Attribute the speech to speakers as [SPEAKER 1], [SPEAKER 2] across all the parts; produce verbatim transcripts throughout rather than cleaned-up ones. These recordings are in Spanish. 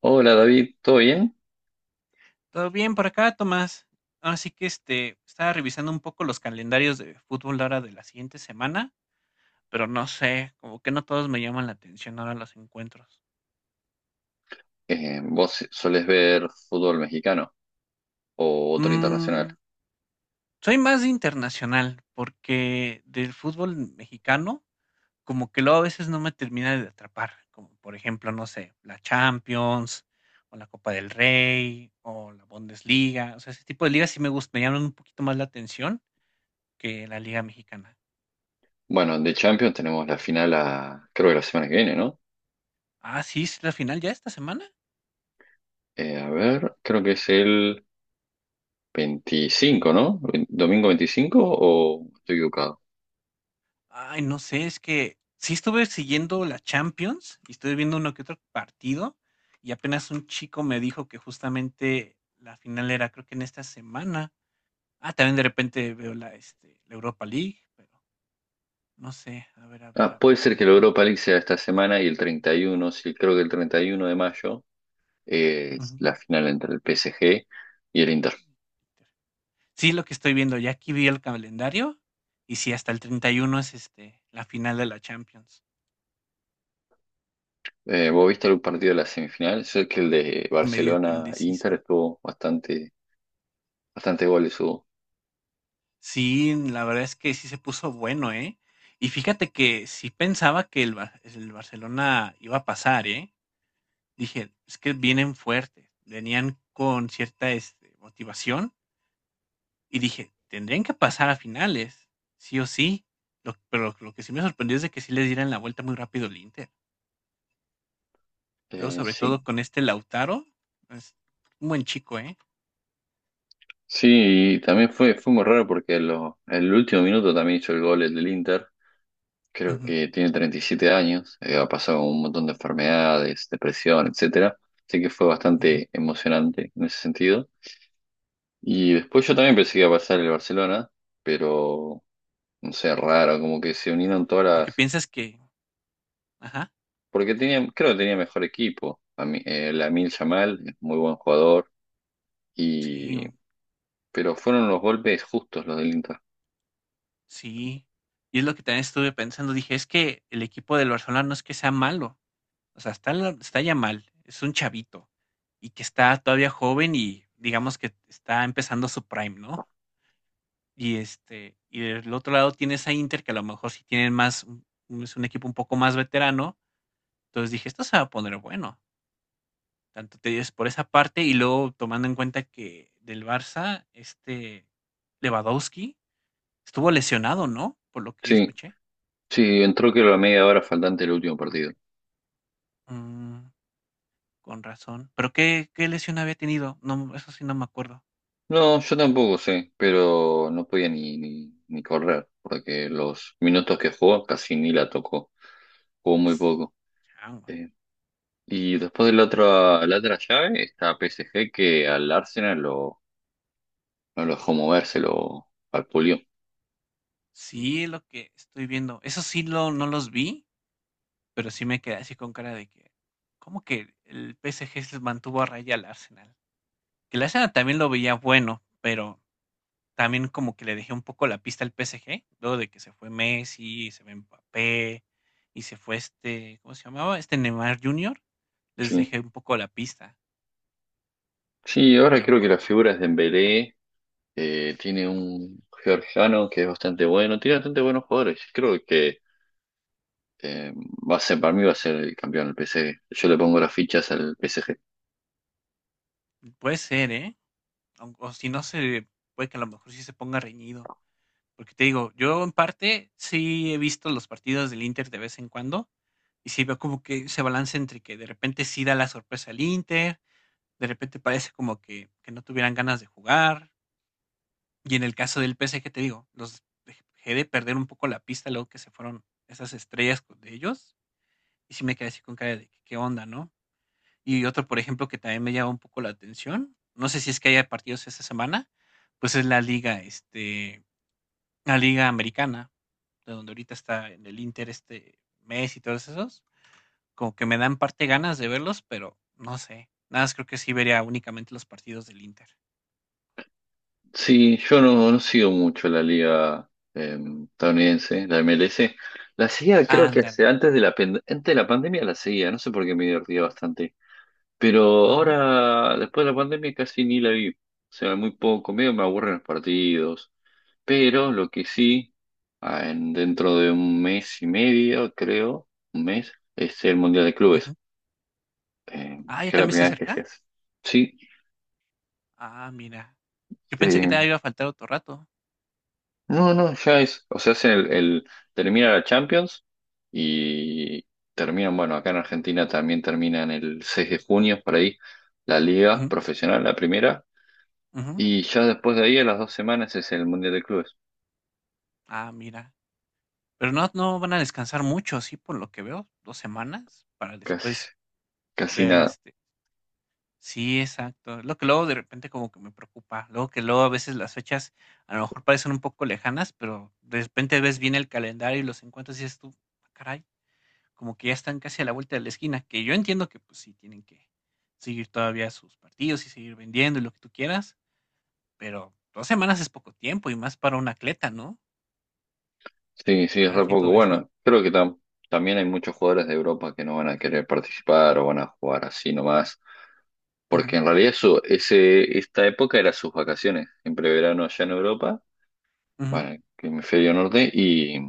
[SPEAKER 1] Hola David, ¿todo bien?
[SPEAKER 2] Todo bien por acá, Tomás. Así que este, estaba revisando un poco los calendarios de fútbol ahora de la siguiente semana, pero no sé, como que no todos me llaman la atención ahora los encuentros.
[SPEAKER 1] Eh, ¿vos solés ver fútbol mexicano o otro internacional?
[SPEAKER 2] Mm, Soy más de internacional, porque del fútbol mexicano, como que luego a veces no me termina de atrapar, como por ejemplo, no sé, la Champions, o la Copa del Rey, o la Bundesliga, o sea, ese tipo de ligas sí me gust- me llaman un poquito más la atención que la Liga Mexicana.
[SPEAKER 1] Bueno, de Champions tenemos la final a, creo que la semana que viene, ¿no?
[SPEAKER 2] Ah, sí, ¿es la final ya esta semana?
[SPEAKER 1] Eh, a ver, creo que es el veinticinco, ¿no? ¿Domingo veinticinco o estoy equivocado?
[SPEAKER 2] Ay, no sé, es que sí estuve siguiendo la Champions y estuve viendo uno que otro partido y apenas un chico me dijo que justamente la final era creo que en esta semana. Ah, también de repente veo la, este, la Europa League, pero no sé, a ver, a ver,
[SPEAKER 1] Ah,
[SPEAKER 2] a
[SPEAKER 1] puede
[SPEAKER 2] ver
[SPEAKER 1] ser que
[SPEAKER 2] cuándo
[SPEAKER 1] la
[SPEAKER 2] es.
[SPEAKER 1] Europa League sea esta semana y el treinta y uno. Sí, creo que el treinta y uno de mayo eh, es
[SPEAKER 2] Ujú.
[SPEAKER 1] la final entre el P S G y el Inter.
[SPEAKER 2] Sí, lo que estoy viendo, ya aquí vi el calendario y sí, hasta el treinta y uno es este, la final de la Champions.
[SPEAKER 1] Eh, ¿vos viste algún partido de la semifinal? Sé que el de
[SPEAKER 2] Medio que indeciso.
[SPEAKER 1] Barcelona-Inter estuvo bastante. Bastante goles hubo.
[SPEAKER 2] Sí, la verdad es que sí se puso bueno, ¿eh? Y fíjate que sí pensaba que el, Bar- el Barcelona iba a pasar, ¿eh? Dije, es que vienen fuertes, venían con cierta este, motivación y dije, tendrían que pasar a finales, sí o sí. Lo- pero lo que sí me sorprendió es de que sí les dieran la vuelta muy rápido el Inter. Luego,
[SPEAKER 1] Eh,
[SPEAKER 2] sobre
[SPEAKER 1] sí.
[SPEAKER 2] todo con este Lautaro, es un buen chico, ¿eh?
[SPEAKER 1] Sí, y también fue, fue muy raro porque lo, el último minuto también hizo el gol el del Inter. Creo
[SPEAKER 2] Ujú,
[SPEAKER 1] que tiene treinta y siete años, eh, ha pasado un montón de enfermedades, depresión, etcétera. Así que fue
[SPEAKER 2] ujú.
[SPEAKER 1] bastante emocionante en ese sentido. Y después yo también pensé que iba a pasar el Barcelona, pero no sé, raro, como que se unieron todas
[SPEAKER 2] Porque
[SPEAKER 1] las.
[SPEAKER 2] piensas que, ajá,
[SPEAKER 1] Porque tenía, creo que tenía mejor equipo. A mí, eh, Lamine Yamal, es muy buen jugador.
[SPEAKER 2] sí,
[SPEAKER 1] Y, pero fueron los golpes justos los del Inter.
[SPEAKER 2] Sí, y es lo que también estuve pensando, dije, es que el equipo del Barcelona no es que sea malo, o sea, está, la- está ya mal, es un chavito y que está todavía joven y digamos que está empezando su prime, ¿no? Y este, y del otro lado tienes a Inter que a lo mejor sí tienen más, un- un- es un equipo un poco más veterano, entonces dije, esto se va a poner bueno, tanto te dices por esa parte y luego tomando en cuenta que del Barça, este Lewandowski estuvo lesionado, ¿no? Por lo que yo
[SPEAKER 1] Sí,
[SPEAKER 2] escuché.
[SPEAKER 1] sí, entró que la media hora faltante del último partido.
[SPEAKER 2] Mm. Con razón. ¿Pero qué qué lesión había tenido? No, eso sí no me acuerdo.
[SPEAKER 1] No, yo tampoco sé, pero no podía ni, ni, ni correr, porque los minutos que jugó casi ni la tocó, jugó muy poco.
[SPEAKER 2] Chango.
[SPEAKER 1] Eh, y después de la otra, la otra llave está P S G que al Arsenal lo, no lo dejó moverse, lo vapuleó.
[SPEAKER 2] Sí, lo que estoy viendo. Eso sí lo, no los vi, pero sí me quedé así con cara de que, ¿cómo que el P S G se mantuvo a raya al Arsenal? Que el Arsenal también lo veía bueno, pero también como que le dejé un poco la pista al P S G, luego de que se fue Messi, se fue Mbappé, y se fue este, ¿cómo se llamaba? Este Neymar junior Les
[SPEAKER 1] Sí.
[SPEAKER 2] dejé un poco la pista,
[SPEAKER 1] Sí, ahora
[SPEAKER 2] pero
[SPEAKER 1] creo que
[SPEAKER 2] por
[SPEAKER 1] la
[SPEAKER 2] lo
[SPEAKER 1] figura es Dembélé, eh, tiene un georgiano que es bastante bueno, tiene bastante buenos jugadores. Creo que Eh, va a ser, para mí va a ser el campeón el P S G. Yo le pongo las fichas al P S G.
[SPEAKER 2] puede ser, ¿eh? aun- O si no, se puede que a lo mejor sí se ponga reñido. Porque te digo, yo en parte sí he visto los partidos del Inter de vez en cuando. Y sí veo como que se balance entre que de repente sí da la sorpresa al Inter, de repente parece como que, que no tuvieran ganas de jugar. Y en el caso del P S G, te digo, los dejé de perder un poco la pista luego que se fueron esas estrellas de ellos. Y sí me quedé así con cara de que, qué onda, ¿no? Y otro, por ejemplo, que también me llama un poco la atención, no sé si es que haya partidos esta semana, pues es la liga, este, la liga americana, de donde ahorita está en el Inter este mes y todos esos, como que me dan parte ganas de verlos, pero no sé. Nada más creo que sí vería únicamente los partidos del Inter.
[SPEAKER 1] Sí, yo no, no sigo mucho la liga eh, estadounidense, la M L S. La seguía, creo que
[SPEAKER 2] Ándale.
[SPEAKER 1] hace- antes de la, pen- antes de la pandemia la seguía, no sé por qué me divertía bastante. Pero
[SPEAKER 2] Ajá.
[SPEAKER 1] ahora, después de la pandemia, casi ni la vi. O sea, muy poco, medio me aburren los partidos. Pero lo que sí, ah, en- dentro de un mes y medio, creo, un mes, es el Mundial de Clubes.
[SPEAKER 2] ujú.
[SPEAKER 1] Eh,
[SPEAKER 2] Ah, ya
[SPEAKER 1] que es la
[SPEAKER 2] también se
[SPEAKER 1] primera vez que se
[SPEAKER 2] acerca.
[SPEAKER 1] hace. Sí,
[SPEAKER 2] Ah, mira. Yo pensé que
[SPEAKER 1] eh,
[SPEAKER 2] te iba a faltar otro rato.
[SPEAKER 1] no, no, ya es, o sea, hacen el, el- termina la Champions y terminan, bueno, acá en Argentina también terminan el seis de junio, por ahí, la liga
[SPEAKER 2] Ujú,
[SPEAKER 1] profesional, la primera,
[SPEAKER 2] ujú.
[SPEAKER 1] y ya después de ahí, a las dos semanas, es el Mundial de Clubes,
[SPEAKER 2] Ah, mira. Pero no, no van a descansar mucho, sí, por lo que veo, dos semanas, para después
[SPEAKER 1] casi, casi
[SPEAKER 2] Ver,
[SPEAKER 1] nada.
[SPEAKER 2] este sí, exacto. lo que luego de repente como que me preocupa. Luego que luego a veces las fechas a lo mejor parecen un poco lejanas, pero de repente ves bien el calendario y los encuentras y dices tú, "Ah, caray, como que ya están casi a la vuelta de la esquina, que yo entiendo que pues sí tienen que seguir todavía sus partidos y seguir vendiendo y lo que tú quieras, pero dos semanas es poco tiempo y más para un atleta, ¿no?
[SPEAKER 1] Sí, sí, es re
[SPEAKER 2] Recuperarse y
[SPEAKER 1] poco.
[SPEAKER 2] todo eso.
[SPEAKER 1] Bueno, creo que tam- también hay muchos jugadores de Europa que no van a querer participar o van a jugar así nomás. Porque
[SPEAKER 2] Ujú,
[SPEAKER 1] en realidad eso, ese, esta época era sus vacaciones, siempre verano allá en Europa,
[SPEAKER 2] ujú.
[SPEAKER 1] bueno, en el hemisferio norte, y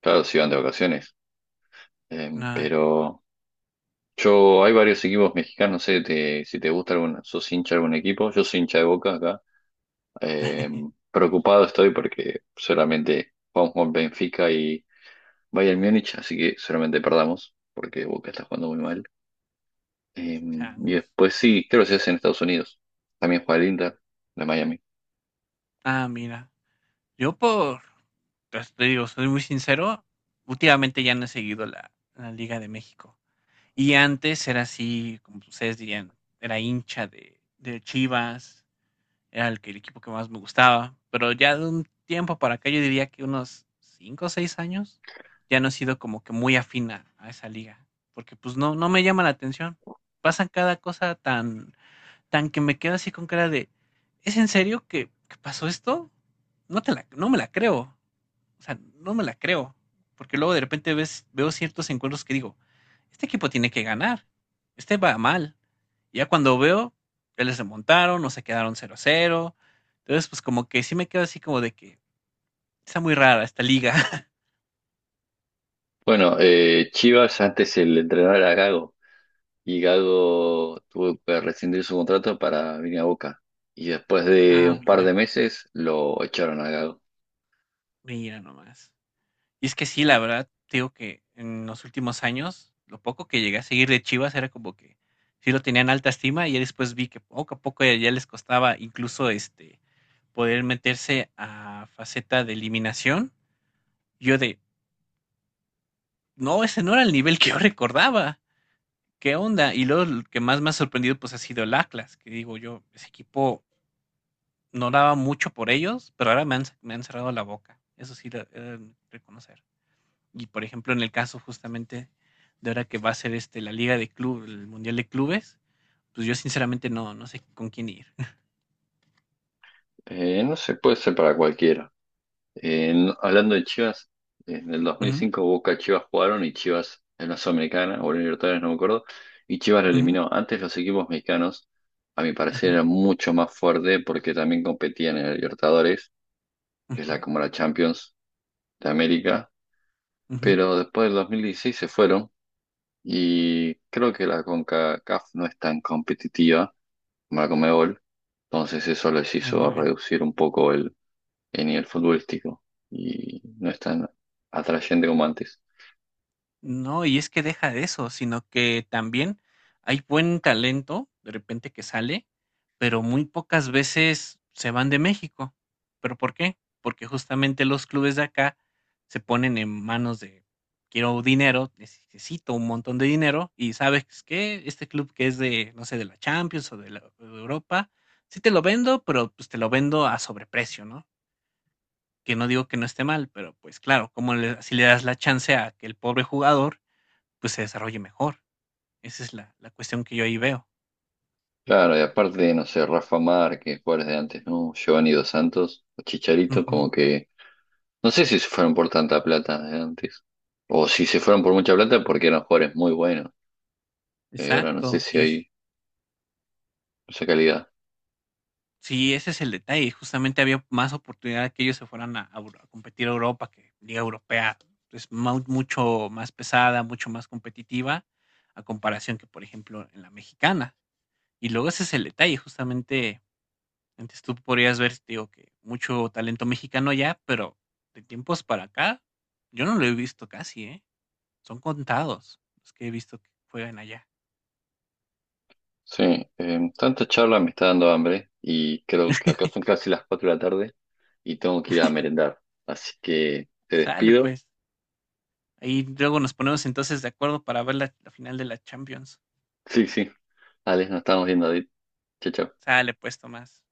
[SPEAKER 1] claro, se iban de vacaciones. Eh,
[SPEAKER 2] Ah, ya.
[SPEAKER 1] pero yo, hay varios equipos mexicanos, no sé te- si te gusta algún, sos hincha de algún equipo, yo soy hincha de Boca acá. Eh, preocupado estoy porque solamente jugamos con Benfica y Bayern Múnich, así que solamente perdamos, porque Boca está jugando muy mal. Eh, y
[SPEAKER 2] Changos.
[SPEAKER 1] después sí, creo que se hace en Estados Unidos, también juega el Inter, de Miami.
[SPEAKER 2] Ah, mira. Yo por, pues, te digo, soy muy sincero, últimamente ya no he seguido la, la Liga de México. Y antes era así, como ustedes dirían, era hincha de, de Chivas, era el, que- el equipo que más me gustaba, pero ya de un tiempo para acá, yo diría que unos cinco o seis años, ya no he sido como que muy afina a esa liga, porque pues no, no me llama la atención. Pasan cada cosa tan, tan que me quedo así con cara de, ¿es en serio que, que pasó esto? No te la, no me la creo, o sea, no me la creo, porque luego de repente ves, veo ciertos encuentros que digo, este equipo tiene que ganar, este va mal. Y ya cuando veo, ya les remontaron, no se quedaron 0 cero Entonces, pues como que sí me quedo así como de que está muy rara esta liga.
[SPEAKER 1] Bueno, eh, Chivas antes el entrenador era Gago y Gago tuvo que rescindir su contrato para venir a Boca. Y después de
[SPEAKER 2] ah,
[SPEAKER 1] un par
[SPEAKER 2] mira,
[SPEAKER 1] de meses lo echaron a Gago.
[SPEAKER 2] mira nomás. Y es que sí, la verdad, te digo que en los últimos años, lo poco que llegué a seguir de Chivas era como que sí lo tenían alta estima y ya después vi que poco a poco ya, ya les costaba incluso este poder meterse a faceta de eliminación. Yo de, no, ese no era el nivel que yo recordaba. ¿Qué onda? Y luego lo que más me ha sorprendido pues ha sido el Atlas, que digo yo, ese equipo no daba mucho por ellos, pero ahora me han, me han cerrado la boca. Eso sí, lo, eh, reconocer. Y por ejemplo, en el caso justamente de ahora que va a ser este, la Liga de Club, el Mundial de Clubes, pues yo sinceramente no, no sé con quién ir.
[SPEAKER 1] Eh, no se puede ser para cualquiera. Eh, no- hablando de Chivas, en el dos mil
[SPEAKER 2] Ujú,
[SPEAKER 1] cinco Boca y Chivas jugaron y Chivas en la Sudamericana o en Libertadores, no me acuerdo, y Chivas lo
[SPEAKER 2] ujú,
[SPEAKER 1] eliminó. Antes los equipos mexicanos, a mi parecer,
[SPEAKER 2] ajá,
[SPEAKER 1] eran mucho más fuertes porque también competían en el Libertadores, que es la
[SPEAKER 2] ujú,
[SPEAKER 1] como la Champions de América,
[SPEAKER 2] ujú, Ándale. Uh -huh, uh -huh,
[SPEAKER 1] pero después del dos mil dieciséis se fueron y creo que la CONCACAF no es tan competitiva, la Conmebol, entonces eso les
[SPEAKER 2] uh
[SPEAKER 1] hizo
[SPEAKER 2] -huh,
[SPEAKER 1] reducir un poco el, el nivel futbolístico y no es tan atrayente como antes.
[SPEAKER 2] No, y es que deja de eso, sino que también hay buen talento de repente que sale, pero muy pocas veces se van de México. ¿Pero por qué? Porque justamente los clubes de acá se ponen en manos de quiero dinero, necesito un montón de dinero y sabes que este club que es de, no sé, de la Champions o de, la- o de Europa, sí te lo vendo, pero pues te lo vendo a sobreprecio, ¿no? Que no digo que no esté mal, pero pues claro, como le, si le das la chance a que el pobre jugador pues, se desarrolle mejor. Esa es la la cuestión que yo ahí veo.
[SPEAKER 1] Claro, y aparte, no sé, Rafa Márquez, jugadores de antes, ¿no? Giovanni Dos Santos, o Chicharito, como
[SPEAKER 2] Ujú.
[SPEAKER 1] que no sé si se fueron por tanta plata de antes o si se fueron por mucha plata porque eran jugadores muy buenos. Eh, ahora no sé
[SPEAKER 2] Exacto,
[SPEAKER 1] si
[SPEAKER 2] y es
[SPEAKER 1] hay esa calidad.
[SPEAKER 2] sí, ese es el detalle, justamente había más oportunidad de que ellos se fueran a a Euro a competir a Europa, que liga europea es mau mucho más pesada, mucho más competitiva, a comparación que, por ejemplo, en la mexicana. Y luego ese es el detalle, justamente, antes tú podrías ver, digo, que mucho talento mexicano ya pero de tiempos para acá, yo no lo he visto casi, ¿eh? Son contados los que he visto que juegan allá.
[SPEAKER 1] Sí, em, tanta charla me está dando hambre y creo que acá son casi las cuatro de la tarde y tengo que ir a merendar. Así que te
[SPEAKER 2] Sale
[SPEAKER 1] despido.
[SPEAKER 2] pues. Ahí luego nos ponemos entonces de acuerdo para ver la, la final de la Champions.
[SPEAKER 1] Sí, sí. Alex, nos estamos viendo. Adit. Chao, chao.
[SPEAKER 2] Sale pues, Tomás.